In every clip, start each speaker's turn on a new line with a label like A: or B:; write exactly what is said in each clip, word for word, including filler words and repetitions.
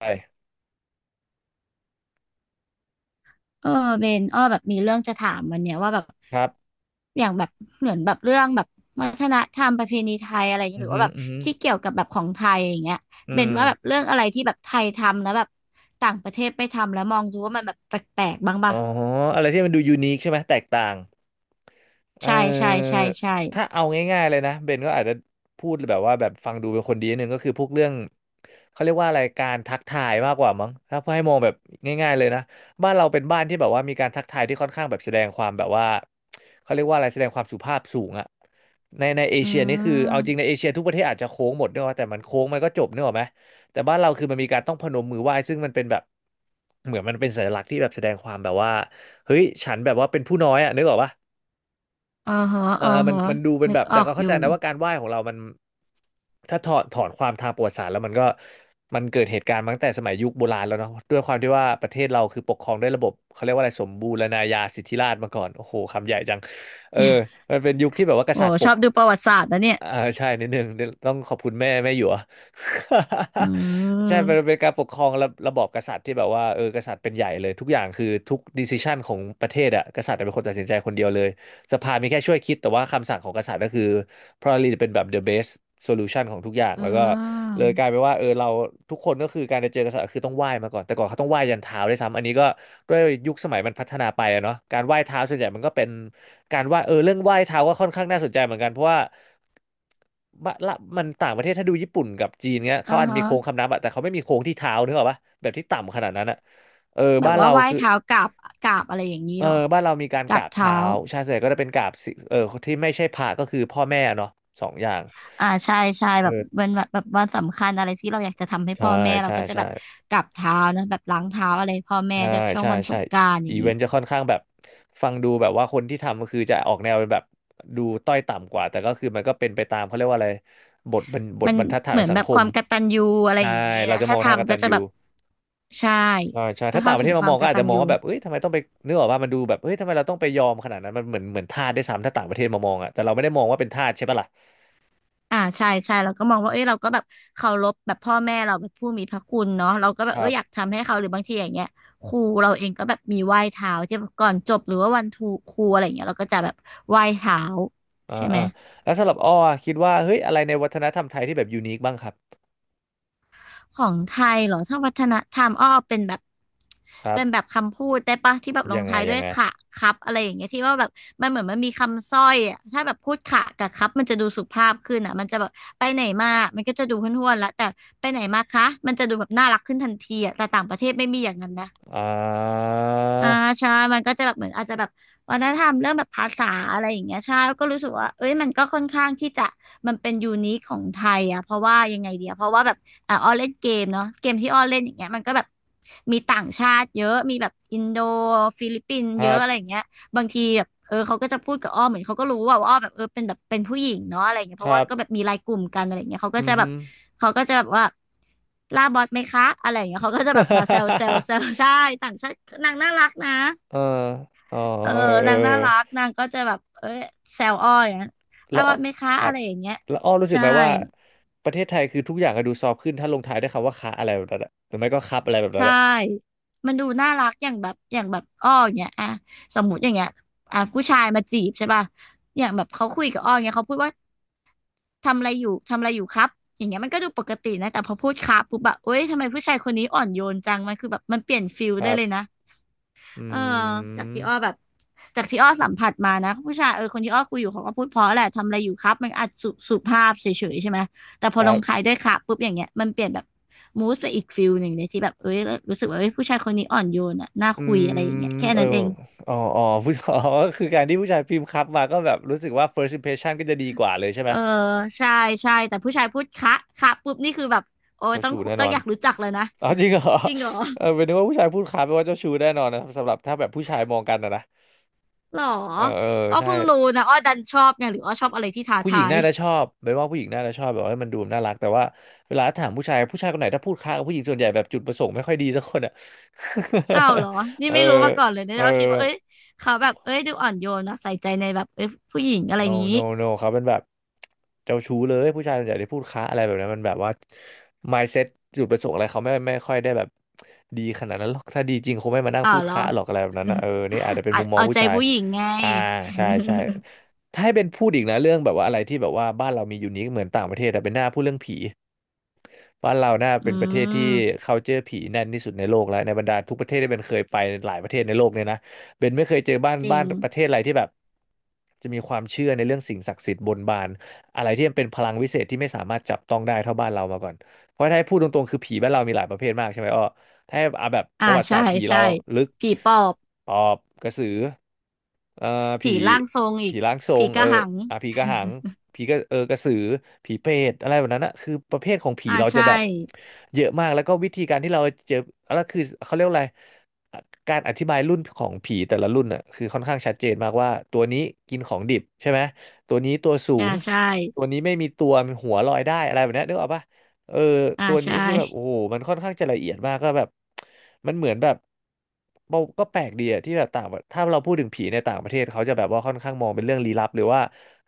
A: ไป
B: เออเบนอ้อแบบมีเรื่องจะถามวันเนี้ยว่าแบบ
A: ครับ
B: อย่างแบบเหมือนแบบเรื่องแบบวัฒนธรรมประเพณีไทยอะไรอย่าง
A: อื
B: เงี้ย
A: มอ
B: หรือ
A: ฮึ
B: ว่า
A: อ
B: แบบ
A: อือฮึ
B: ที่เกี่
A: อ
B: ยวกับแบบของไทยอย่างเงี้ย
A: อื
B: เบน
A: ม
B: ว่าแบบเรื่องอะไรที่แบบไทยทำแล้วแบบต่างประเทศไม่ทำแล้วมองดูว่ามันแบบแปลกๆบ้าง
A: อ๋
B: ปะ
A: อ อะไรที่มันดูยูนิคใช่ไหม แตกต่าง เอ
B: ใช่ใช่
A: อ
B: ใช่ใช่
A: ถ้าเอาง่ายๆเลยนะเบนก็อาจจะพูดแบบว่าแบบฟังดูเป็นคนดีนิดนึงก็คือพวกเรื่องเขาเรียกว่าอะไรการทักทายมากกว่ามั้งถ้าให้มองแบบง่ายๆเลยนะบ้านเราเป็นบ้านที่แบบว่ามีการทักทายที่ค่อนข้างแบบแสดงความแบบว่าเขาเรียกว่าอะไรแสดงความสุภาพสูงอะในในเอ
B: อื
A: เชียนี่คือเอาจริงใน
B: ม
A: เอเชียทุกประเทศอาจจะโค้งหมดเนกอะแต่มันโค้งมันก็จบเนกอะไหมแต่บ้านเราคือมันมีการต้องพนมมือไหว้ซึ่งมันเป็นแบบเหมือนมันเป็นสัญลักษณ์ที่แบบแสดงความแบบว่าเฮ้ยฉันแบบว่าเป็นผู้น้อยอะนึกออกปะ
B: อ๋อฮะ
A: เออ
B: อ๋อ
A: มัน
B: ฮะ
A: มันดูเป็น
B: นึ
A: แบ
B: ก
A: บ
B: อ
A: แต่
B: อก
A: ก็
B: อ
A: เข้า
B: ยู่
A: ใจนะว่าการไหว้ของเรามันถ้าถอดถอนความทางประวัติศาสตร์แล้วมันก็มันเกิดเหตุการณ์มาตั้งแต่สมัยยุคโบราณแล้วเนาะด้วยความที่ว่าประเทศเราคือปกครองด้วยระบบ เขาเรียกว่าอะไรสมบูรณาญาสิทธิราชย์มาก่อนโอ้โหคำใหญ่จังเออมันเป็นยุคที่แบบว่าก
B: โอ้
A: ษัตริย์ป
B: ชอ
A: ก
B: บดูประวัติศาสตร์นะเนี่ย
A: อ่าใช่นิดนึงเดี๋ยวต้องขอบคุณแม่แม่หยว
B: อื
A: ใช่เป็นเป็
B: ม
A: นการปกครองระระบอบกษัตริย์ที่แบบว่าเออกษัตริย์เป็นใหญ่เลยทุกอย่างคือทุกดิส i ชันของประเทศอะกษัตริย์เป็นคนตัดสินใจคนเดียวเลยสภามีแค่ช่วยคิดแต่ว่าคำสั่งของกษัตริย์ก็คือ probably เป็นแบบ the best solution ของทุกอย่าง
B: อื
A: แล้วก็เลยกลายเป็
B: ม
A: นว่าเออเราทุกคนก็คือการจะเจอกษัตริย์คือต้องไหว้มาก่อนแต่ก่อนเขาต้องไหว้ยันเท้าด้วยซ้ำอันนี้ก็ ด้วยยุคสมัยมันพัฒนาไปอะเนาะการไหว้เท้าส่วนใหญ่มันก็เป็นการไหว้เออเรื่องไหว้เท้าก็ค่อนข้างน่าสนใจเหมือนกันเพราะว่าบะละมันต่างประเทศถ้าดูญี่ปุ่นกับจีนเงี้ย
B: อ๋อ
A: เขาอาจ
B: ฮะ
A: มีโค้งคำนับอะแต่เขาไม่มีโค้งที่เท้านึกออกปะแบบที่ต่ำขนาดนั้นอะเออ
B: แบ
A: บ้า
B: บ
A: น
B: ว่า
A: เรา
B: ไหว้
A: คือ
B: เท้ากราบกราบอะไรอย่างนี้
A: เออ
B: เหรอ
A: บ้านเรามีการ
B: ก
A: ก
B: รา
A: รา
B: บ
A: บ
B: เท้า
A: เท้าใช่ส่วนใหญ่ก็จะเป็นกราบสิเออที่ไม่ใช่พระก็คือพ่อแม่เนาะสองอย่าง
B: อ่าใช่ใช่
A: เอ
B: แบบวั
A: อ
B: นแบบแบบวันสำคัญอะไรที่เราอยากจะทำให้
A: ใช่
B: พ่อแม่เรา
A: ใช่
B: ก็จะ
A: ใช่
B: แบบกราบเท้านะแบบล้างเท้าอะไรพ่อแม่
A: ใช่
B: ด้วยช่วง
A: ใช่
B: วันส
A: ใช่
B: งกรานต์อ
A: อี
B: ย่าง
A: เว
B: นี้
A: นต์จะค่อนข้างแบบฟังดูแบบว่าคนที่ทำก็คือจะออกแนวเป็นแบบดูต้อยต่ำกว่าแต่ก็คือมันก็เป็นไปตามเขาเรียกว่าอะไรบทบรรบท
B: มัน
A: บรรทัดฐาน
B: เห
A: ข
B: มื
A: อ
B: อ
A: ง
B: น
A: สั
B: แบ
A: ง
B: บ
A: ค
B: ค
A: ม
B: วามกตัญญูอะไร
A: ใช่
B: อย่างนี้
A: เรา
B: นะ
A: จะม
B: ถ้า
A: องทางก
B: ทำ
A: ตั
B: ก็
A: ญ
B: จะ
A: ญู
B: แบบใช่
A: ใช่ใช่
B: ก็
A: ถ้าต่า
B: เข้า
A: งประ
B: ถึ
A: เท
B: ง
A: ศ
B: ค
A: มา
B: วา
A: ม
B: ม
A: อง
B: ก
A: ก็อาจ
B: ตั
A: จะ
B: ญ
A: มอง
B: ญู
A: ว่าแบบเอ้ยทำไมต้องไปเนื้อออกว่ามันดูแบบเอ้ยทำไมเราต้องไปยอมขนาดนั้นมันเหมือนเหมือนทาสได้วยซ้ำถ้าต่างประเทศมามองอ่ะแต่เราไม่ได้มองว่าเป็นทาสใช่ปะล่ะ
B: อ่าใช่ใช่เราก็มองว่าเอ้ยเราก็แบบเคารพแบบพ่อแม่เราแบบผู้มีพระคุณเนาะเราก็แบบ
A: ค
B: เอ
A: รั
B: ออยาก
A: บ
B: ทำให้เขาหรือบางทีอย่างเงี้ยครูเราเองก็แบบมีไหว้เท้าที่แบบก่อนจบหรือว่าวันทูครูอะไรอย่างเงี้ยเราก็จะแบบไหว้เท้า
A: อ่า
B: ใช่ไหม
A: อ่าแล้วสำหรับอ้ออะคิดว่าเฮ้ยอะไรในวัฒนธรรมไทยที่แบบยูนิคบ้างครับ
B: ของไทยเหรอถ้าวัฒนธรรมอ้อเป็นแบบ
A: ครับ
B: เป็นแบบคำพูดได้ปะที่แบบล
A: ยั
B: ง
A: งไง
B: ท้าย
A: ยั
B: ด้
A: ง
B: วย
A: ไง
B: ค่ะครับอะไรอย่างเงี้ยที่ว่าแบบมันเหมือนมันมีคำสร้อยอะถ้าแบบพูดค่ะกับครับมันจะดูสุภาพขึ้นอ่ะมันจะแบบไปไหนมามันก็จะดูห้วนๆแล้วแต่ไปไหนมาคะมันจะดูแบบน่ารักขึ้นทันทีอ่ะแต่ต่างประเทศไม่มีอย่างนั้นนะ
A: อ่า
B: อ่าใช่มันก็จะแบบเหมือนอาจจะแบบวัฒนธรรมเรื่องแบบภาษาอะไรอย่างเงี้ยใช่ก็รู้สึกว่าเอ้ยมันก็ค่อนข้างที่จะมันเป็นยูนิคของไทยอ่ะเพราะว่ายังไงเดียเพราะว่าแบบอ่าอ้อเล่นเกมเนาะเกมที่อ้อเล่นอย่างเงี้ยมันก็แบบมีต่างชาติเยอะมีแบบอินโดฟิลิปปินส์
A: ค
B: เย
A: รั
B: อะ
A: บ
B: อะไรอย่างเงี้ย บางทีแบบเออเขาก็จะพูดกับอ้อเหมือนเขาก็รู้ว่าว่าอ้อแบบเออเป็นแบบเป็นผู้หญิงเนาะอะไรเงี้ยเพ
A: ค
B: ราะ
A: รั
B: ว่า
A: บ
B: ก็แบบมีไลน์กลุ่มกันอะไรเงี้ยเขาก็
A: อื
B: จะ
A: อ
B: แบ
A: ฮึ
B: บเขาก็จะแบบว่าล่าบอสไหมคะอะไรเงี้ยเขาก็จะแบบมาแซวแซวแซว ใช่ต่างชาตินางน่ารักนะ
A: เอออ๋อ
B: เออ
A: เออเอ
B: นางน่ารัก
A: อ
B: นางก็จะแบบเออแซวอ้ออย่างเงี้ย
A: แล้
B: ล่า
A: ว
B: บ
A: อ้
B: อ
A: อ
B: สไหมคะ
A: ครั
B: อะ
A: บ
B: ไรอย่างเงี้ย
A: แล้วอ้อรู้สึก
B: ใช่
A: ไหมว่าประเทศไทยคือทุกอย่างก็ดูซอฟต์ขึ้นถ้าลงท้ายด้วยคำว่าคะอะไรแบบนั้นอะหรือไม่ก็ครับอะไรแบบนั้น
B: ใช่
A: อะ
B: มันดูน่ารักอย่างแบบอย่างแบบอ้ออย่างเงี้ยอ่ะสมมติอย่างเงี้ยอ่ะผู้ชายมาจีบใช่ป่ะอย่างแบบเขาคุยกับอ้ออย่างเงี้ยเขาพูดว่า ทำอะไรอยู่ทำอะไรอยู่ครับอย่างเงี้ยมันก็ดูปกตินะแต่พอพูดครับปุ๊บแบบเอ้ยทำไมผู้ชายคนนี้อ่อนโยนจังมันคือแบบมันเปลี่ยนฟิล
A: ค
B: ได้
A: รั
B: เลย
A: บ
B: นะ
A: อื
B: เออจากที่อ้อ
A: ม
B: แบบจากที่อ้อสัมผัสมานะผู้ชายเออคนที่อ้อคุยอยู่เขาก็พูดเพราะแหละทำอะไรอยู่ครับมันอาจสุสุภาพเฉยๆใช่ไหมแต่พ
A: ค
B: อ
A: รั
B: ลง
A: บ
B: ท้ายด้วยครับปุ๊บอย่างเงี้ยมันเปลี่ยนแบบมูสไปอีกฟิลหนึ่งเลยที่แบบเอ้ยรู้สึกว่าเอ้ยผู้ชายคนนี้อ่อนโยนอ่ะน่า
A: อื
B: คุย
A: ม
B: อะไรอย่างเงี้ยแค่
A: เออ
B: นั้นเอง
A: อ๋ออ๋อผู้ อ๋อคือการที่ผู้ชายพิมพ์ครับมาก็แบบรู้สึกว่า first impression ก็จะดีกว่าเลยใช่ไห
B: เอ
A: ม
B: อใช่ใช่แต่ผู้ชายพูดคะคะปุ๊บนี่คือแบบโอ้ย
A: เจ้า
B: ต้อง
A: ชู้
B: คุ
A: แน่
B: ต้
A: น
B: อ
A: อ
B: ง
A: น
B: อยากรู้จักเลยนะ
A: อ๋อจริงเหรอ
B: จริงเหรอ
A: เออเป็นนึกว่าผู้ชายพูดครับแปลว่าเจ้าชู้แน่นอนนะสำหรับถ้าแบบผู้ชายมองกันนะนะ
B: หรอ
A: เออเออ
B: อ้อ
A: ใช่
B: เพิ่งรู้นะอ้อดันชอบไงหรืออ้อชอบอะไรที่ท้า
A: ผู้หญิ
B: ทา
A: ง
B: ย
A: น่าจะชอบเป็นว่าผู้หญิงน่าจะชอบแบบว่าให้มันดูน่ารักแต่ว่าเวลาถามผู้ชายผู้ชายคนไหนถ้าพูดค้ากับผู้หญิงส่วนใหญ่แบบจุดประสงค์ไม่ค่อยดีสักคนอ่ะ
B: อ้าวเหรอ นี่
A: เออ
B: ไม่รู้มาก่อนเลยเนี่ย
A: เออ
B: อ้อคิดว่าเอ้ยเขาแบบเอ้ยดูอ่อนโยนนะใส่ใจในแบบเอ้ยผู้หญิงอะไรอ
A: no
B: ย่างนี้
A: no no เขาเป็นแบบเจ้าชู้เลยผู้ชายส่วนใหญ่ที่พูดค้าอะไรแบบนั้นมันแบบว่า mindset จุดประสงค์อะไรเขาไม่ไม่ค่อยได้แบบดีขนาดนั้นหรอกถ้าดีจริงคงไม่มานั่ง
B: อ้า
A: พู
B: ว
A: ด
B: เหรอ
A: ค้าหรอกอะไรแบบนั้นนะเออนี่อาจจะ เป็น
B: เอา
A: มุมมอง
B: เอา
A: ผู้
B: ใจ
A: ชาย
B: ผู้หญิงไง
A: อ่าใช่ใช่ถ้าให้เป็นพูดอีกนะเรื่องแบบว่าอะไรที่แบบว่าบ้านเรามียูนิคเหมือนต่างประเทศแต่เป็นหน้าพูดเรื่องผี บ้านเราน่า
B: อื
A: เป็นประเทศที่
B: ม
A: culture ผีแน่นที่สุดในโลกแล้วในบรรดาทุกประเทศที่เป็นเคยไปหลายประเทศในโลกเนี่ยนะเบนไม่เคยเจอบ้าน
B: จริ
A: บ้า
B: ง
A: นประเทศอะไรที่แบบจะมีความเชื่อในเรื่องสิ่งศักดิ์สิทธิ์บนบานอะไรที่มันเป็นพลังวิเศษที่ไม่สามารถจับต้องได้เท่าบ้านเรามาก่อนเพราะถ้าให้พูดตรงๆคือผีบ้านเรามีหลายประเภทมากใช่ไหมอ้อ ถ้าเอาแบบป
B: อ่า
A: ระวัติศา
B: ใช่
A: สตร์ผีเรา
B: ใช่
A: ลึก
B: ผีปอบ
A: ปอบกระสือเอ่อผี
B: ผีร่างทรงอี
A: ผี
B: ก
A: ร่างทร
B: ผี
A: ง
B: ก
A: เอ
B: ระ
A: อ
B: หัง
A: อ่ะผีกระหังผีกระเออกระสือผีเปรตอะไรแบบนั้นนะคือประเภทของผี
B: อ่า
A: เราจะ
B: ใช่
A: แบบเยอะมากแล้วก็วิธีการที่เราเจอแล้วคือเขาเรียกว่าอะไรการอธิบายรุ่นของผีแต่ละรุ่นน่ะคือค่อนข้างชัดเจนมากว่าตัวนี้กินของดิบใช่ไหมตัวนี้ตัวสู
B: อ่า
A: ง
B: ใช่
A: ตัวนี้ไม่มีตัวมีหัวลอยได้อะไรแบบเนี้ยนึกออกปะ เออ
B: อ่า
A: ตัวนี้
B: ใช่
A: คือแบบโอ้โหมันค่อนข้างจะละเอียดมากก็แบบ มันเหมือนแบบเราก็แปลกดีอะที่แบบต่างประถ้าเราพูดถึงผีในต่างประเทศเขาจะแบบว่าค่อนข้างมองเป็นเรื่องลี้ลับหรือว่า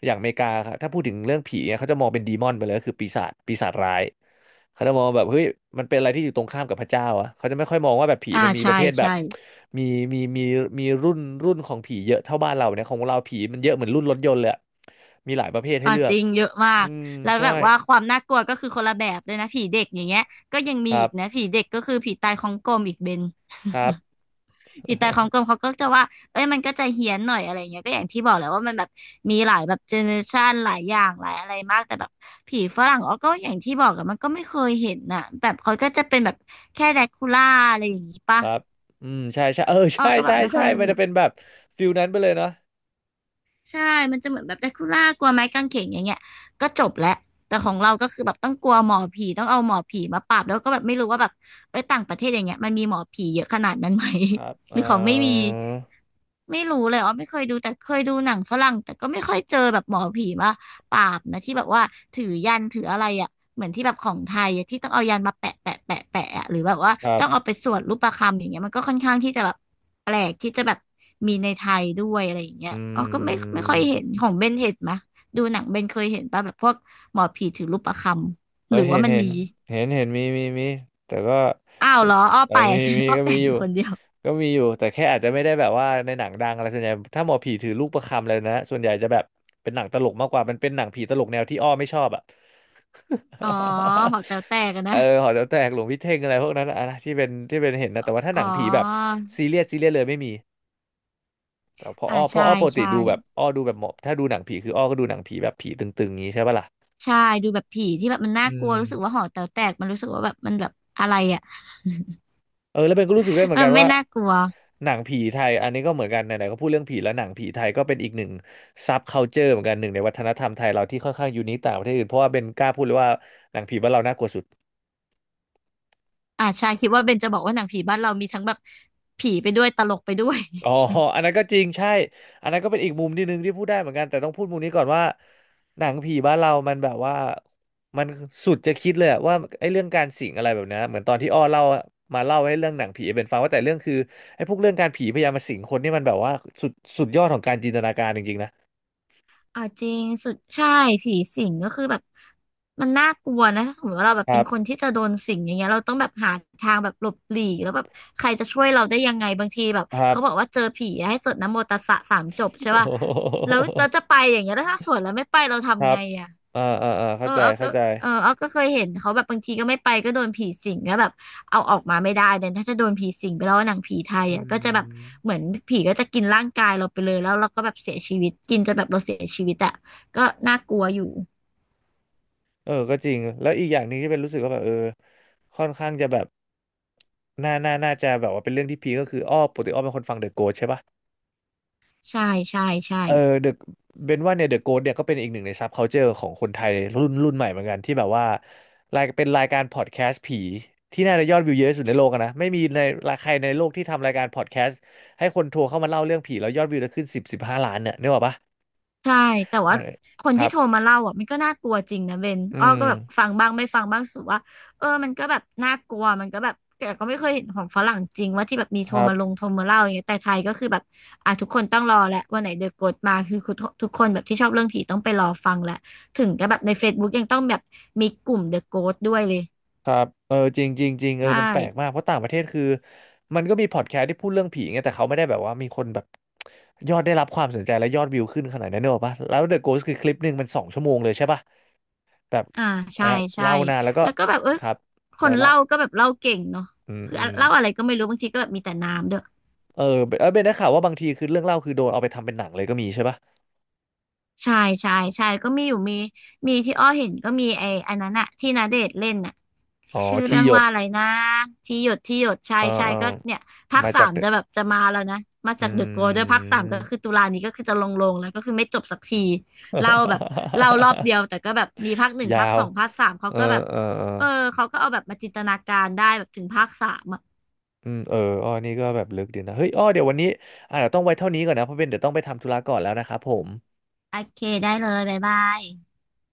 A: อย่างอเมริกาครับถ้าพูดถึงเรื่องผีเนี่ยเขาจะมองเป็นดีมอนไปเลยก็คือปีศาจปีศาจร้ายเขาจะมองแบบเฮ้ยมันเป็นอะไรที่อยู่ตรงข้ามกับพระเจ้าอะเขาจะไม่ค่อยมองว่าแบบผี
B: อ่า
A: มันมีป
B: ใช่
A: ระเภทแบ
B: ใช่
A: บมีมีมีมีรุ่นรุ่นของผีเยอะเท่าบ้านเราเนี่ยของเราผีมันเยอะเหมือนรุ่นรถยนต์เลยอะมีหลายประเภทให้
B: อ่า
A: เลือ
B: จ
A: ก
B: ริงเยอะมา
A: อื
B: ก
A: ม
B: แล้ว
A: ใช่
B: แบบว่าความน่ากลัวก็คือคนละแบบเลยนะผีเด็กอย่างเงี้ยก็ยังมี
A: ครั
B: อีกนะ
A: บ
B: ผีเด็กก็คือผีตายของกลมอีกเบน
A: ครับ
B: ผีตายของกลมเขาก็จะว่าเอ้ยมันก็จะเฮี้ยนหน่อยอะไรเงี้ยก็อย่างที่บอกแหล้วว่ามันแบบมีหลายแบบเจเนอเรชันหลายอย่างหลายอะไรมากแต่แบบผีฝรั่งอ๋อก็อย่างที่บอกอะมันก็ไม่เคยเห็นน่ะแบบเขาก็จะเป็นแบบแค่แดกคูล่าอะไรอย่างงี้
A: ค
B: ปะ
A: รับอืมใช่ใช่ เออ
B: อ๋อ
A: ใช่
B: ก็แบ
A: ใช่
B: บไม่
A: ใช่
B: ค่อย
A: มั
B: รู้
A: นจะเป็นแบบฟิลนั้นไปเลยเนาะ
B: ใช่ มันจะเหมือนแบบแดคูล่ากลัวไม้กางเขนอย่างเงี้ยก็จบแล้ว แต่ของเราก็คือแบบต้องกลัวหมอผี ต้องเอาหมอผีมาปราบแล้วก็แบบไม่รู้ว่าแบบเอ้ยต่างประเทศอย่างเงี้ยมันมีหมอผีเยอะขนาดนั้นไหม
A: ครับ
B: ห
A: เอ
B: รือเขาไม่มี
A: อ
B: ไม่รู้เลยอ๋อไม่เคยดูแต่เคยดูหนังฝรั่งแต่ก็ไม่ค่อยเจอแบบหมอผีมาปราบนะที่แบบว่าถือยันถืออะไรอ่ะเหมือนที่แบบของไทยอะที่ต้องเอายันมาแปะแปะแปะแปะอะหรือแบบว่า
A: ครั
B: ต้อง
A: บ
B: เอาไปสวดรูปประคำอย่างเงี้ยมันก็ค่อนข้างที่จะแบบแปลกที่จะแบบมีในไทยด้วยอะไรอย่างเงี้ย
A: อื
B: อ๋อก็ไม่ไม่ค่อยเห็นของ
A: ม
B: เบนเห็นไหมดูหนังเบนเคยเห็นป่ะแบบพวกหมอผีถือรูปประค
A: เอ
B: ำห
A: อ
B: รือ
A: เห็
B: ว่า
A: น
B: มัน
A: เห็น
B: มี
A: เห็นเห็นมีมีมีแต่ก็
B: อ้าวเหรออ้อ
A: เออ
B: แปล
A: มี
B: ก
A: มี
B: อ้อ
A: ก็
B: แปล
A: มี
B: ก
A: อ
B: อ
A: ยู่
B: ยู่คนเดียว
A: ก็มีอยู่แต่แค่อาจจะไม่ได้แบบว่าในหนังดังอะไรส่วนใหญ่ถ้าหมอผีถือลูกประคำเลยนะส่วนใหญ่จะแบบเป็นหนังตลกมากกว่ามันเป็นหนังผีตลกแนวที่อ้อไม่ชอบอ่ะ
B: อ๋อหอแต๋วแตกอะ
A: เอ
B: นะ
A: อหอแถวแตกหลวงพี่เท่งอะไรพวกนั้นอะนะที่เป็นที่เป็นเห็นนะแต่ว่าถ้า
B: อ๋
A: ห
B: อ
A: นังผีแบบซีเรียสซีเรียสเลยไม่มีแต่พอ
B: อ่า
A: อ้อพอ
B: ใช่
A: อ้อปกติ
B: ใช่
A: ดูแบบอ้อดูแบบหมอบถ้าดูหนังผีคืออ้อก็ดูหนังผีแบบผีตึงๆงี้ใช่ปะล่ะ
B: ใช่ดูแบบผีที่แบบมันน่า
A: อื
B: กลัว
A: ม
B: รู้สึกว่าหอแต๋วแตกมันรู้สึกว่าแบบมันแบบอะไรอ่ะ
A: เออแล้วเบนก็รู้สึกได้เหมื อน
B: มัน
A: กัน
B: ไม่
A: ว่า
B: น่ากลัว
A: หนังผีไทยอันนี้ก็เหมือนกันไหนๆก็พูดเรื่องผีแล้วหนังผีไทยก็เป็นอีกหนึ่งซับคัลเจอร์เหมือนกันหนึ่งในวัฒนธรรมไทยเราที่ค่อนข้างยูนิคต่างประเทศอื่นเพราะว่าเบนกล้าพูดเลยว่าหนังผีบ้านเราน่ากลัวสุด
B: อ่าใช่คิดว่าเบนจะบอกว่าหนังผีบ้านเรามีทั้งแบบผีไปด้วยตลกไปด้วย
A: อ๋ออันนั้นก็จริงใช่ อันนั้นก็เป็นอีกมุมนิดนึงที่พูดได้เหมือนกันแต่ต้องพูดมุมนี้ก่อนว่าหนังผีบ้านเรามันแบบว่ามันสุดจะคิดเลยอะว่าไอ้เรื่องการสิงอะไรแบบเนี้ยเหมือนตอนที่อ้อเล่ามาเล่าให้เรื่องหนังผีเป็นฟังว่าแต่เรื่องคือไอ้พวกเรื่องการผีพยายามมาสิงคนนี่มันแบบว่าสุดสุดยอดของการจินตนาการจริงๆนะ
B: อ่าจริงสุดใช่ผีสิงก็คือแบบมันน่ากลัวนะถ้าสมมติว่าเราแบบ
A: ค
B: เป็
A: รั
B: นคน
A: บ
B: ที่จะโดนสิงอย่างเงี้ยเราต้องแบบหาทางแบบหลบหลีกแล้วแบบใครจะช่วยเราได้ยังไงบางทีแบบ
A: ครั
B: เขาบอก
A: บ
B: ว่าเจอผีให้สวดนะโมตัสสะสามจบ ใช่
A: โอ้โ
B: ป่ะแล้
A: ห
B: วเราจะไปอย่างเงี้ยแล้วถ้าสวดแล้วไม่ไปเรา
A: ครั
B: ทำไง
A: บ
B: อ่ะ
A: อ่าอ่าอ่า
B: เอ
A: เข้า
B: อ
A: ใจ
B: เอา
A: เข้า
B: ก็
A: ใจ
B: เออเอาก็เคยเห็นเขาแบบบางทีก็ไม่ไปก็โดนผีสิงก็แบบเอาออกมาไม่ได้เนี่ยถ้าจะโดนผีสิงไปแล้วหนังผีไทย
A: อื
B: อ่ะก็จะแบบ
A: ม
B: เหมือนผีก็จะกินร่างกายเราไปเลยแล้วเราก็แบบเสียชีวิตกินจนแบบเราเสียชีวิตอ่ะก็น่ากลัวอยู่
A: เออก็จริงแล้วอีกอย่างหนึ่งที่เป็นรู้สึกว่าแบบเออค่อนข้างจะแบบ น่าน่าน่าจะแบบว่าเป็นเรื่องที่พีคก็คืออ้อปกติอ้อเป็นคนฟังเดอะโก t ใช่ปะ
B: ใช่ใช่ใช่
A: เออเดอะเบนว่าเนี่ยเดอะโก t เนี่ยก็เป็นอีกหนึ่งในซับคัลเจอร์ของคนไทยรุ่นรุ่นใหม่เหมือนกันที่แบบว่ารายเป็นรายการพอดแคสต์ผีที่น่าจะยอดวิวเยอะที่สุดในโลกอะนะไม่มีในใครในโลกที่ทำรายการพอดแคสต์ให้คนโทรเข้ามาเล่าเรื่องผีแล้วยอดวิวจะขึ้นสิบสิบห้าล้านเนี่ยนึกออกปะ
B: ใช่แต่
A: เอา
B: ว่า
A: เลย
B: คน
A: ครั
B: ที่
A: บ
B: โทรมาเล่าอ่ะมันก็น่ากลัวจริงนะเบน
A: อื
B: อ้อ
A: ม
B: ก็แบบฟังบ้างไม่ฟังบ้างรู้สุว่าเออมันก็แบบน่ากลัวมันก็แบบแต่ก็ไม่เคยเห็นของฝรั่งจริงว่าที่แบบมี
A: ค
B: โทร
A: รับ
B: มาลงโทรมาเล่าอย่างเงี้ยแต่ไทยก็คือแบบอ่ะทุกคนต้องรอแหละวันไหนเดอะโกสมาคือทุกทุกคนแบบที่ชอบเรื่องผีต้องไปรอฟังแหละถึงจะแบบใน Facebook ยังต้องแบบมีกลุ่มเดอะโกสด้วยเลย
A: ครับเออจริงจริงจริงเออ
B: ใช่
A: มันแปลกมากเพราะต่างประเทศคือมันก็มีพอดแคสต์ที่พูดเรื่องผีไงแต่เขาไม่ได้แบบว่ามีคนแบบยอดได้รับความสนใจและยอดวิวขึ้นขนาดนั้นเนอะปะแล้ว The Ghost คือคลิปหนึ่งมันสองชั่วโมงเลยใช่ปะแบบ
B: อ่าใช่
A: อ่ะ
B: ใช่
A: เล่านานแล้วก็
B: แล้วก็แบบเออ
A: ครับ
B: ค
A: โด
B: น
A: ยเล่า
B: เล่าก็แบบเล่าเก่งเนาะ
A: อืม
B: คือ
A: อืม
B: เล่าอะไรก็ไม่รู้บางทีก็แบบมีแต่น้ำด้วย
A: เออเบนเออเบนได้ข่าวว่าบางทีคือเรื่องเล่าคือโดนเอาไปทำเป็นหนังเลยก็มีใช่ปะ
B: ใช่ใช่ใช่ก็มีอยู่มีมีที่อ้อเห็นก็มีไอ้อันนั้นอะที่ณเดชน์เล่นอะ
A: อ๋อ
B: ชื่อ
A: ที่
B: เรื่อง
A: หยด
B: ว่าอะไรนะที่หยดที่หยดใช่
A: เออ
B: ใช่
A: เออ
B: ก็เนี่ยภาค
A: มา
B: สา
A: จาก
B: ม
A: The
B: จะแบบจะมาแล้วนะมา
A: อื
B: จากเดอะโกด้วยภาคสามก็
A: ม
B: คือตุลานี้ก็คือจะลงลงแล้วก็คือไม่จบสักทีเล่าแบบเล่ารอบเดี ยวแต่ก็แบบมีภาคหนึ่ง
A: ยา
B: ภาค
A: ว
B: สองภาคสามเขา
A: เออ
B: ก็แบบ
A: เออเออ
B: เออเขาก็เอาแบบมาจินตนาการได้แบบถึงภาคสามอะ
A: อืมเอออ้อนี่ก็แบบลึกดีนะเฮ้ยอ้อเดี๋ยววันนี้อาจจะเดี๋ยวต้องไว้เท่านี้ก่อนนะเพราะเป็นเดี๋ยวต้องไปทำธุระก่อนแล้วนะครับผม
B: โอเคได้เลยบ๊ายบาย